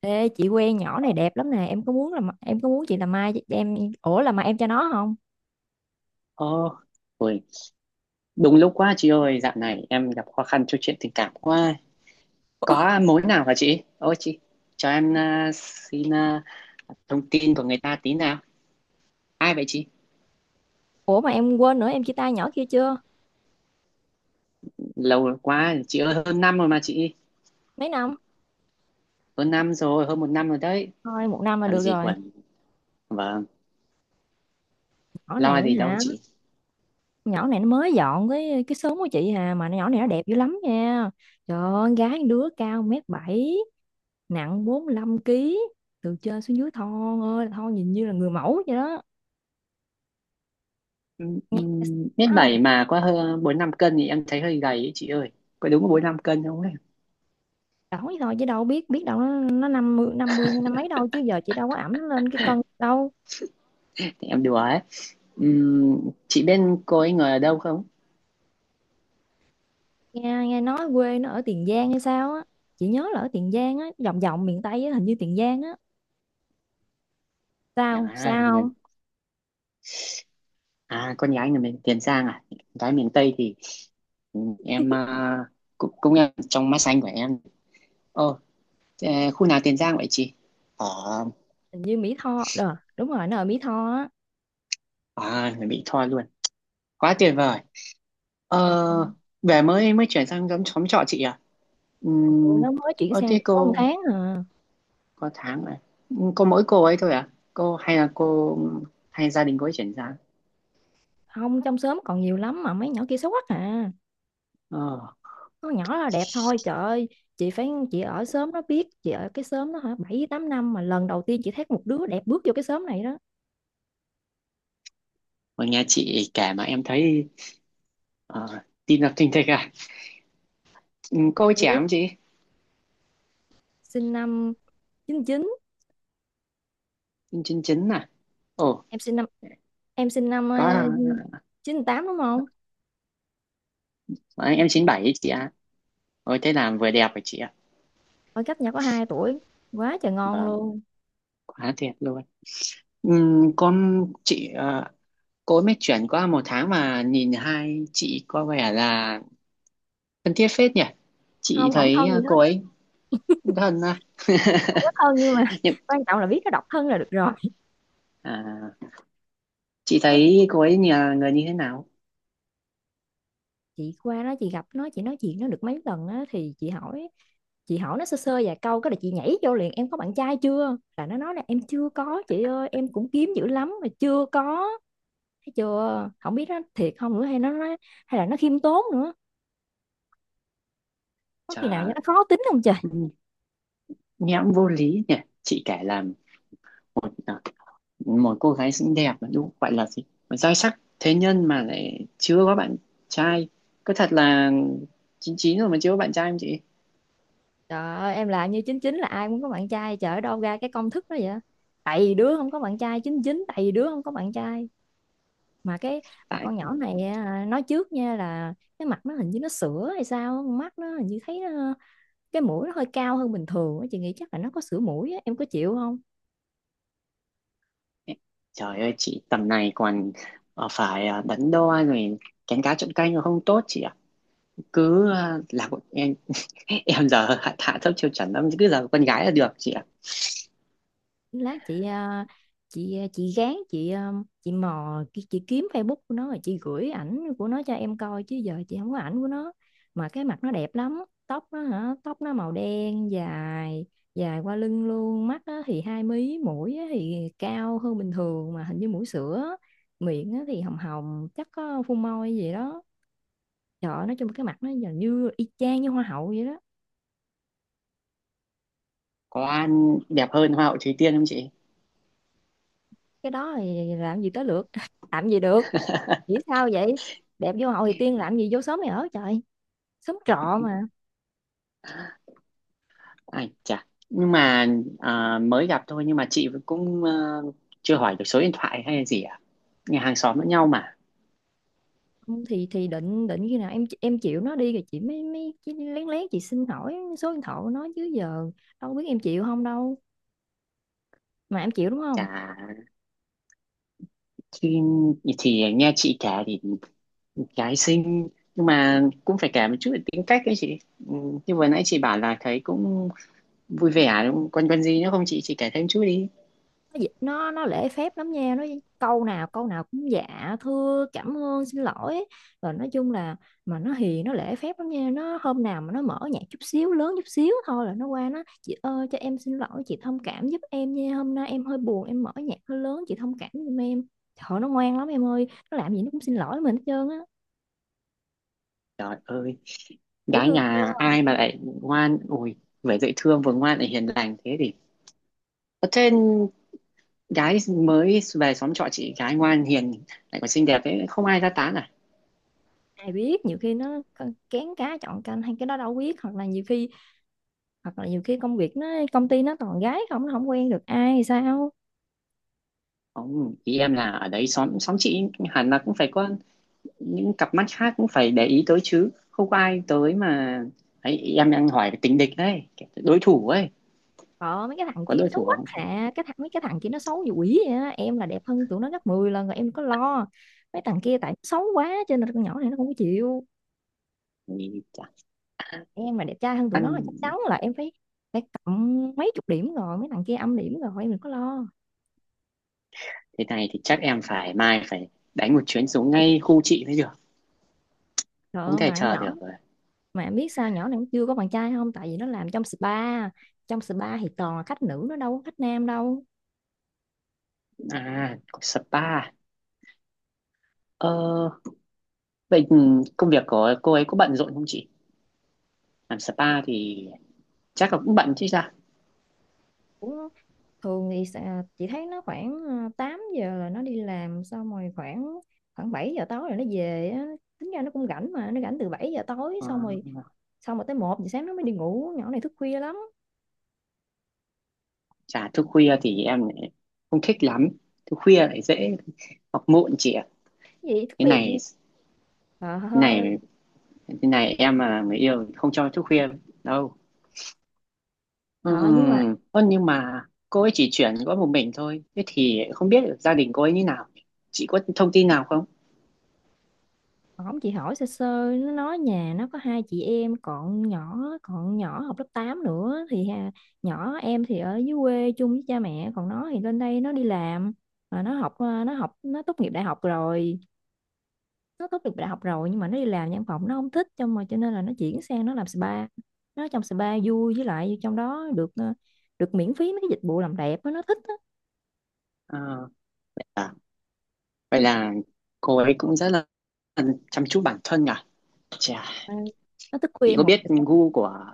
Ê, chị quen nhỏ này đẹp lắm nè. Em có muốn làm, em có muốn chị làm mai em ủa làm mà em cho nó không? Ồ, ôi, đúng lúc quá chị ơi, dạo này em gặp khó khăn trong chuyện tình cảm quá. Có mối nào hả chị? Ôi chị, cho em xin thông tin của người ta tí nào. Ai vậy chị? Ủa mà em quên nữa, em chia tay nhỏ kia chưa Lâu quá, chị ơi, hơn năm rồi mà chị. mấy năm? Hơn năm rồi, hơn một năm rồi đấy. Thôi một năm là Làm được gì rồi. còn, vâng, Nhỏ này lo gì đâu hả? chị. Nhỏ này nó mới dọn cái xóm của chị hà, mà nhỏ này nó đẹp dữ lắm nha. Trời ơi, con gái đứa cao mét bảy, nặng 45 ký, từ trên xuống dưới thon ơi là thon, nhìn như là người mẫu vậy đó. Nghe Mét đã không? bảy mà có hơn bốn năm cân thì em thấy hơi gầy ấy chị ơi. Có đúng bốn năm cân không ấy? Đổ thôi chứ đâu biết, biết đâu nó năm mươi, năm mươi hay năm mấy đâu, chứ giờ chị đâu có ẵm nó lên cái cân đâu. Thì em đùa ấy. Chị bên cô ấy người ở đâu không? Nghe Nghe nói quê nó ở Tiền Giang hay sao á. Chị nhớ là ở Tiền Giang á, vòng vòng miền Tây á, hình như Tiền Giang á. Sao À, Sao người không? À, con gái người miền Tiền Giang à? Gái miền Tây thì ừ, em cũng cũng em trong mắt xanh của em. Ồ, thế khu nào Tiền Giang vậy chị? Ở Hình như Mỹ Tho. Đúng rồi, nó ở Mỹ Tho á. À, người Mỹ Tho luôn. Quá tuyệt vời. Ừ, Ờ, về mới mới chuyển sang giống xóm trọ chị à? ừ, Ừm, nó mới chuyển sang thế được có một cô tháng à. có tháng rồi. Cô mỗi cô ấy thôi à? Cô hay là cô hay gia đình cô ấy chuyển sang? Không, trong xóm còn nhiều lắm mà mấy nhỏ kia xấu quắc à, Ờ, có nhỏ là đẹp thôi. Trời ơi, chị phải, chị ở xóm nó biết, chị ở cái xóm đó hả bảy tám năm mà lần đầu tiên chị thấy một đứa đẹp bước vô cái xóm này đó. mà nghe chị kể mà em thấy ờ, tim đập thình thịch à? Cô ấy trẻ Thiệt, không chị? sinh năm chín chín. Chín chín chín à? Ồ. Em sinh năm, em sinh năm có à, chín tám đúng không? Đấy, em 97 ấy chị ạ. Ôi thế là vừa đẹp rồi chị ạ. Ở cách nhà có 2 tuổi, quá trời ngon Vâng, luôn. quá tuyệt luôn. Ừm, con chị ờ, cô ấy mới chuyển qua một tháng mà nhìn hai chị có vẻ là thân thiết phết nhỉ. Chị Không không thấy thân gì cô hết á, ấy thân à. không có thân nhưng mà Nhưng quan trọng là biết nó độc thân là được rồi. à, chị Nó chứ. thấy cô ấy nhà người như thế nào? Chị qua đó chị gặp nó, chị nói chuyện nó được mấy lần á thì chị hỏi, chị hỏi nó sơ sơ vài câu cái là chị nhảy vô liền, em có bạn trai chưa, là nó nói là em chưa có chị ơi, em cũng kiếm dữ lắm mà chưa có. Thấy chưa, không biết nó thiệt không nữa hay nó nói, hay là nó khiêm tốn nữa, có Trời khi nào cho ơi, nó khó tính không trời. ừm, nghe cũng vô lý nhỉ. Chị kể làm ờ, một cô gái xinh đẹp là đúng gọi là gì, mà giai sắc thế nhân mà lại chưa có bạn trai. Có thật là chín chín rồi mà chưa có bạn trai không chị? Trời ơi, em là như chín chín là ai cũng có bạn trai, trời ơi, đâu ra cái công thức đó vậy. Tại vì đứa không có bạn trai chín chín, tại vì đứa không có bạn trai, mà cái, mà tại con nhỏ này à, nói trước nha là cái mặt nó hình như nó sữa hay sao, mắt nó hình như thấy nó, cái mũi nó hơi cao hơn bình thường á. Chị nghĩ chắc là nó có sữa mũi á. Em có chịu không? Trời ơi chị tầm này còn phải đắn đo rồi, kén cá chọn canh rồi không tốt chị ạ. Cứ là một em. Em giờ hạ thấp tiêu chuẩn lắm, cứ là con gái là được chị ạ. Lát chị à, chị chị gán chị à, chị mò chị kiếm Facebook của nó rồi chị gửi ảnh của nó cho em coi, chứ giờ chị không có ảnh của nó mà cái mặt nó đẹp lắm. Tóc nó hả, tóc nó màu đen dài, dài qua lưng luôn, mắt á thì hai mí, mũi á thì cao hơn bình thường mà hình như mũi sữa, miệng á thì hồng hồng chắc có phun môi gì đó. Trời ơi, nói chung cái mặt nó gần như y chang như hoa hậu vậy đó. Có ăn đẹp hơn hoa hậu Thúy Tiên không chị? Cái đó thì làm gì tới lượt làm gì được. Nghĩ sao vậy, đẹp vô hậu thì tiên làm gì vô xóm này ở trời, xóm trọ mà. Ai chà, nhưng mà mới gặp thôi, nhưng mà chị cũng chưa hỏi được số điện thoại hay là gì à? Nhà hàng xóm lẫn nhau mà. Không, thì thì định định khi nào em chịu nó đi rồi chị mới mới chị lén lén chị xin hỏi số điện thoại của nó, chứ giờ đâu biết em chịu không đâu. Mà em chịu đúng không? Chà, thì, thì nghe chị kể thì gái xinh, nhưng mà cũng phải kể một chút về tính cách ấy chị. Ừ, như vừa nãy chị bảo là thấy cũng vui vẻ đúng không? Còn còn gì nữa không chị? Chị kể thêm chút đi. Nó lễ phép lắm nha, nó câu nào cũng dạ thưa cảm ơn xin lỗi ấy. Rồi nói chung là, mà nó hiền, nó lễ phép lắm nha, nó hôm nào mà nó mở nhạc chút xíu lớn chút xíu thôi là nó qua nó chị ơi cho em xin lỗi, chị thông cảm giúp em nha, hôm nay em hơi buồn em mở nhạc hơi lớn, chị thông cảm giùm em. Trời ơi, nó ngoan lắm em ơi, nó làm gì nó cũng xin lỗi mình hết trơn á. Trời ơi, Dễ gái thương nhà chưa? ai mà lại ngoan, ui, vừa dễ thương vừa ngoan lại hiền lành thế thì. Thế gái mới về xóm trọ chị, gái ngoan hiền lại còn xinh đẹp ấy, không ai ra tán à? Ai biết, nhiều khi kén cá chọn canh hay cái đó đâu biết, hoặc là nhiều khi, hoặc là nhiều khi công việc nó, công ty nó toàn gái không, nó không quen được ai thì sao. Không, ý em là ở đấy xóm xóm chị hẳn là cũng phải có những cặp mắt khác cũng phải để ý tới chứ, không có ai tới mà. Ấy, em đang hỏi về tình địch đấy, đối thủ ấy. Ờ, mấy cái thằng Có kia nó đối xấu thủ quá không? hả, cái thằng mấy cái thằng kia nó xấu như quỷ vậy á, em là đẹp hơn tụi nó gấp 10 lần rồi, em có lo. Mấy thằng kia tại nó xấu quá cho nên con nhỏ này nó không có chịu. Thì Em mà đẹp trai hơn tụi ăn nó là chắc chắn là em phải, phải cộng mấy chục điểm rồi, mấy thằng kia âm điểm rồi, em đừng có lo. thế này thì chắc em phải mai phải đánh một chuyến xuống ngay khu chị mới được, Trời không ơi, mà thể con chờ nhỏ, được rồi. mà em biết sao nhỏ này nó chưa có bạn trai không, tại vì nó làm trong spa, trong spa thì toàn là khách nữ, nó đâu có khách nam đâu. À, có spa. ờ Vậy công việc của cô ấy có bận rộn không chị? Làm spa thì chắc là cũng bận chứ sao. Cũng thường thì chị thấy nó khoảng 8 giờ là nó đi làm xong rồi, khoảng, khoảng 7 giờ tối rồi nó về á. Tính ra nó cũng rảnh mà, nó rảnh từ 7 giờ tối Ờ, xong rồi, xong rồi tới một giờ sáng nó mới đi ngủ, nhỏ này thức khuya lắm. Chả thức khuya thì em lại không thích lắm, thức khuya lại dễ học muộn chị ạ. Cái gì thức cái khuya, này trời cái ơi. này cái này em mà người yêu thì không cho thức khuya đâu. Trời nhưng mà Ơ nhưng mà cô ấy chỉ chuyển có một mình thôi, thế thì không biết được gia đình cô ấy như nào. Chị có thông tin nào không? ổng chị hỏi sơ sơ nó nói nhà nó có hai chị em, còn nhỏ, còn nhỏ học lớp 8 nữa thì ha, nhỏ em thì ở dưới quê chung với cha mẹ, còn nó thì lên đây nó đi làm. Mà nó học nó học nó tốt nghiệp đại học rồi. Nó tốt nghiệp đại học rồi nhưng mà nó đi làm văn phòng nó không thích cho mà, cho nên là nó chuyển sang nó làm spa. Nó trong spa vui, với lại trong đó được được miễn phí mấy cái dịch vụ làm đẹp á, nó thích á. Ờ, À, vậy là cô ấy cũng rất là chăm chút bản thân nhỉ. Chà, Ừ. Nó thức chị khuya có một biết giờ sáng. gu của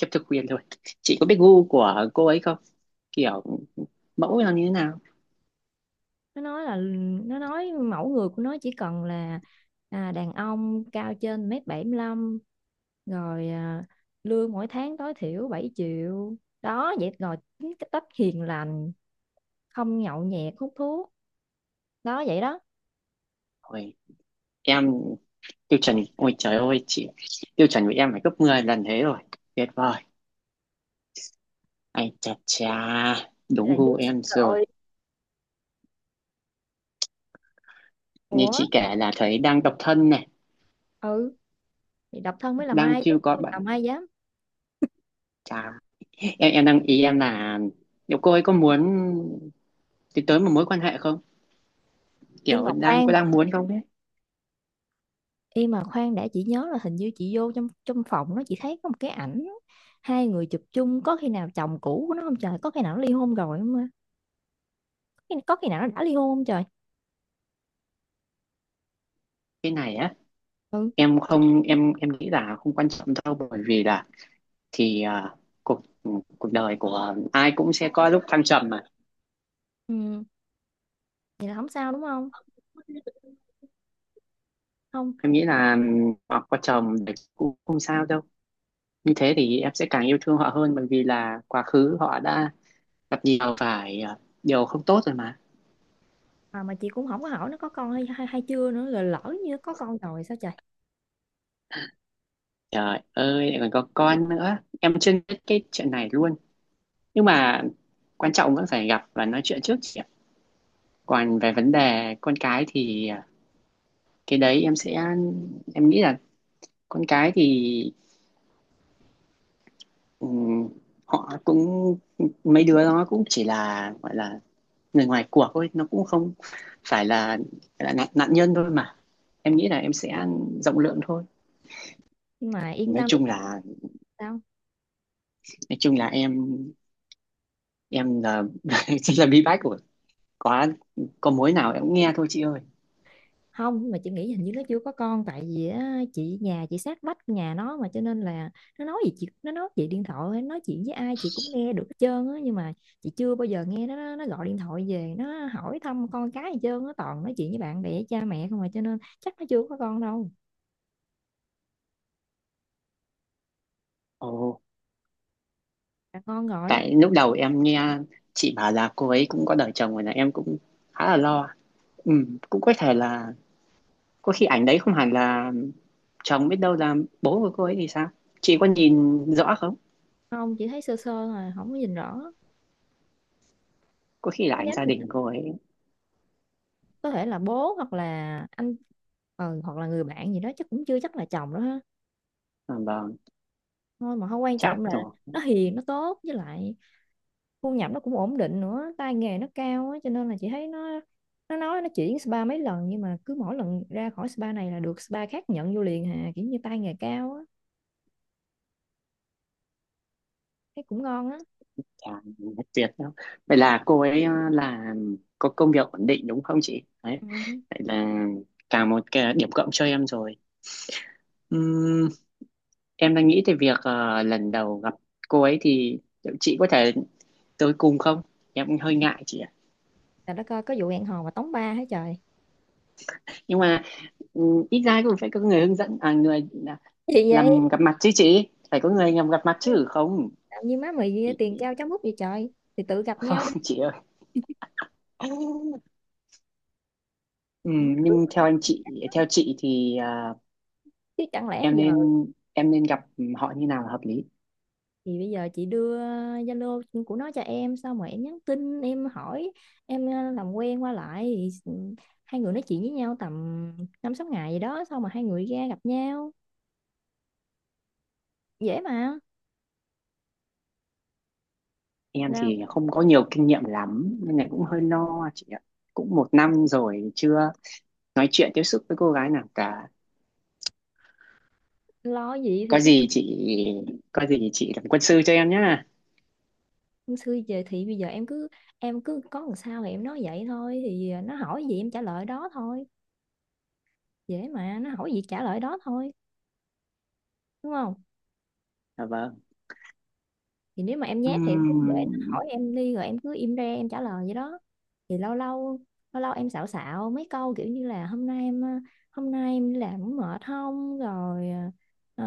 khiếp thực quyền thôi, chị có biết gu của cô ấy không, kiểu mẫu là như thế nào? Nó nói là, nó nói mẫu người của nó chỉ cần là à, đàn ông cao trên mét bảy mươi lăm, rồi à, lương mỗi tháng tối thiểu 7 triệu đó, vậy rồi tính cái cách hiền lành, không nhậu nhẹt hút thuốc đó, vậy đó. Ôi em tiêu chuẩn, ôi trời ơi chị, tiêu chuẩn của em phải gấp 10 lần thế rồi. Tuyệt vời, ai chà chà, Vậy đúng là dư gu sức em rồi. rồi. Như Ủa, chị kể là thấy đang độc thân này, ừ, thì độc thân mới làm đang ai chứ chưa có không, bạn. chồng ai dám. Chà, em đang ý em là liệu cô ấy có muốn tiến tới một mối quan hệ không, Im kiểu mà đang có khoan, đang muốn không ấy. im mà khoan đã, chị nhớ là hình như chị vô trong, trong phòng nó chị thấy có một cái ảnh hai người chụp chung, có khi nào chồng cũ của nó không trời, có khi nào nó ly hôn rồi không à? Có khi, có khi nào nó đã ly hôn không trời. Cái này á, Ừ, em không em em nghĩ là không quan trọng đâu, bởi vì là thì cuộc cuộc đời của ai cũng sẽ có lúc thăng trầm mà. ừ. Vậy là không sao đúng không? Không. Em nghĩ là họ có chồng thì cũng không sao đâu, như thế thì em sẽ càng yêu thương họ hơn, bởi vì là quá khứ họ đã gặp nhiều phải điều không tốt rồi mà. À, mà chị cũng không có hỏi nó có con hay hay, hay chưa nữa, rồi lỡ như có con rồi sao trời. Trời ơi, lại còn có con nữa, em chưa biết cái chuyện này luôn. Nhưng mà quan trọng vẫn phải gặp và nói chuyện trước chị ạ. Còn về vấn đề con cái thì cái đấy em sẽ, em nghĩ là con cái thì, ừ, họ cũng, mấy đứa nó cũng chỉ là gọi là người ngoài cuộc thôi, nó cũng không phải là nạn nhân thôi mà. Em nghĩ là em sẽ rộng lượng thôi. Nhưng mà yên Nói tâm đi, chung chắc. là, Sao? nói chung là em là chỉ là bí bách của, có có mối nào em cũng nghe thôi chị ơi. Không, mà chị nghĩ hình như nó chưa có con, tại vì á, chị nhà chị sát vách nhà nó mà, cho nên là nó nói gì chị, nó nói chị điện thoại hay nói chuyện với ai chị cũng nghe được hết trơn á, nhưng mà chị chưa bao giờ nghe nó gọi điện thoại về nó hỏi thăm con cái gì trơn á, toàn nói chuyện với bạn bè cha mẹ không, mà cho nên chắc nó chưa có con đâu. Ồ, Là con gọi. tại lúc đầu em nghe chị bảo là cô ấy cũng có đời chồng rồi là em cũng khá là lo. Ừ, cũng có thể là có khi ảnh đấy không hẳn là chồng, biết đâu là bố của cô ấy thì sao. Chị có nhìn rõ không? Không, chị thấy sơ sơ mà không có nhìn rõ. Có khi là Có ảnh nhắn gia gì đình đâu. cô ấy. Có thể là bố hoặc là anh, ờ, hoặc là người bạn gì đó, chắc cũng chưa chắc là chồng đó ha. À, vâng. Thôi mà không quan Chắc trọng, là rồi. nó hiền, nó tốt, với lại thu nhập nó cũng ổn định nữa, tay nghề nó cao á, cho nên là chị thấy nó nói nó chuyển spa mấy lần nhưng mà cứ mỗi lần ra khỏi spa này là được spa khác nhận vô liền hà, kiểu như tay nghề cao á, thấy cũng ngon á. Chà, nhất tuyệt đâu, vậy là cô ấy là có công việc ổn định đúng không chị đấy. Ừ. Vậy là cả một cái điểm cộng cho em rồi. Ừm, em đang nghĩ về việc lần đầu gặp cô ấy thì liệu chị có thể tới cùng không, em cũng hơi ngại chị ạ. Là đó coi có vụ hẹn hò mà tống ba hả trời. Nhưng mà ít ra cũng phải có người hướng dẫn, người Gì vậy? làm gặp mặt chứ, chị phải có người làm gặp mặt Ê, chứ không. làm như má mày tiền trao cháo múc vậy trời, thì tự gặp Không nhau đi. chị ơi. Ừ, Ừ, tự- nhưng theo anh chị, theo chị thì Chứ chẳng lẽ em giờ, nên, em nên gặp họ như nào là hợp lý? thì bây giờ chị đưa Zalo của nó cho em xong rồi em nhắn tin em hỏi em làm quen qua lại thì hai người nói chuyện với nhau tầm năm sáu ngày gì đó xong mà hai người ra gặp nhau, dễ mà. Em Sao? thì không có nhiều kinh nghiệm lắm nên này cũng hơi lo chị ạ. Cũng một năm rồi chưa nói chuyện tiếp xúc với cô gái nào cả. Lo gì, thì có cứ gì chị có gì chị làm quân sư cho em nhá. xưa giờ thì bây giờ em cứ có làm sao thì em nói vậy thôi, thì nó hỏi gì em trả lời đó thôi, dễ mà, nó hỏi gì trả lời đó thôi, đúng không? Dạ vâng. Thì nếu mà em nhát thì em cứ để nó Ừm, hỏi em đi rồi em cứ im re em trả lời vậy đó. Thì lâu lâu em xạo xạo mấy câu kiểu như là hôm nay em đi làm cũng mệt không rồi, ờ,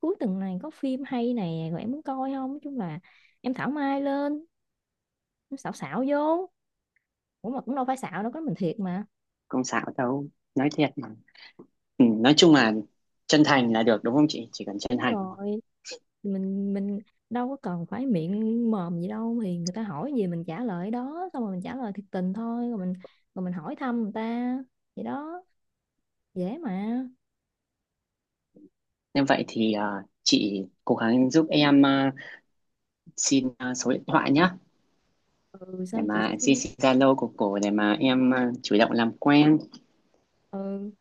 cuối tuần này có phim hay này rồi em muốn coi không, nói chung là em thảo mai lên, em xạo xạo vô. Ủa mà cũng đâu phải xạo đâu, có mình thiệt mà. không xạo đâu, nói thiệt mà. Ừ, nói chung là chân thành là được đúng không chị, chỉ cần chân Đúng thành thôi. rồi, mình đâu có cần phải miệng mồm gì đâu, thì người ta hỏi gì mình trả lời đó, xong rồi mình trả lời thiệt tình thôi, rồi mình, rồi mình hỏi thăm người ta vậy đó, dễ mà. Nên vậy thì chị cố gắng giúp em xin số điện thoại nhá, Ừ, để sao chị sẽ mà chị xin. xin Zalo của cổ để mà em chủ động làm quen. Ừ,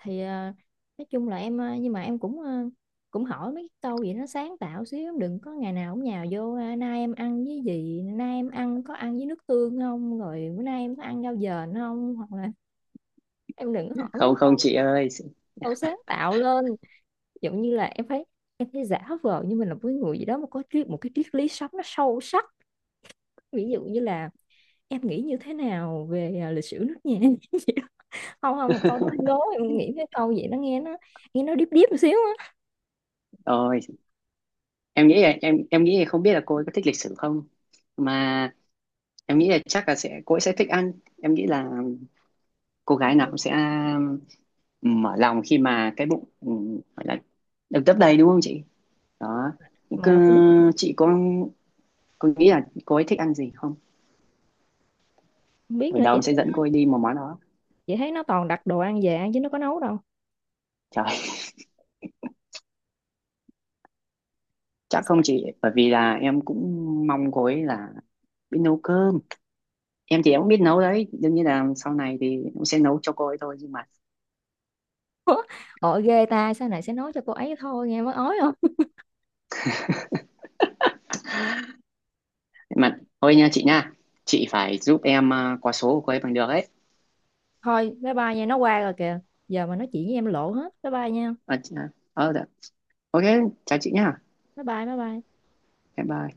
thì à, nói chung là em à, nhưng mà em cũng à, cũng hỏi mấy câu gì nó sáng tạo xíu, đừng có ngày nào cũng nhào vô à, nay em ăn với gì, nay em ăn có ăn với nước tương không, rồi bữa nay em có ăn rau dền không, hoặc là em đừng có hỏi mấy Không câu, không chị ơi. câu sáng tạo lên. Giống như là em thấy giả vờ như mình là với người gì đó mà có triết một cái triết lý sống nó sâu sắc, ví dụ như là em nghĩ như thế nào về à, lịch sử nước nhà. Không không, câu đó hơi lố, em nghĩ cái câu vậy nó nghe nó, nghe nó điếp điếp một xíu á. Rồi em nghĩ là, em nghĩ là không biết là cô ấy có thích lịch sử không, mà em nghĩ là chắc là sẽ cô ấy sẽ thích ăn. Em nghĩ là cô gái nào cũng sẽ um, mở lòng khi mà cái bụng, gọi là được lấp đầy đúng không chị. Đó. Mà Cứ, em có biết chị có nghĩ là cô ấy thích ăn gì không, không, biết ở nữa đầu chị em thấy sẽ dẫn nó, cô ấy đi một món đó. chị thấy nó toàn đặt đồ ăn về ăn chứ nó có nấu đâu. Trời, chắc không chị, bởi vì là em cũng mong cô ấy là biết nấu cơm. Em thì em cũng biết nấu đấy, đương nhiên là sau này thì cũng sẽ nấu cho cô ấy thôi. Nhưng Ôi ghê ta, sau này sẽ nói cho cô ấy thôi, nghe mới ói không. mà thôi nha, chị phải giúp em qua số của cô ấy bằng được ấy. Thôi, bye bye nha, nó qua rồi kìa, giờ mà nói chuyện với em lộ hết, bye bye nha. À, chị, dạ. Ok, chào chị nha, Bye bye, bye bye. bye bye.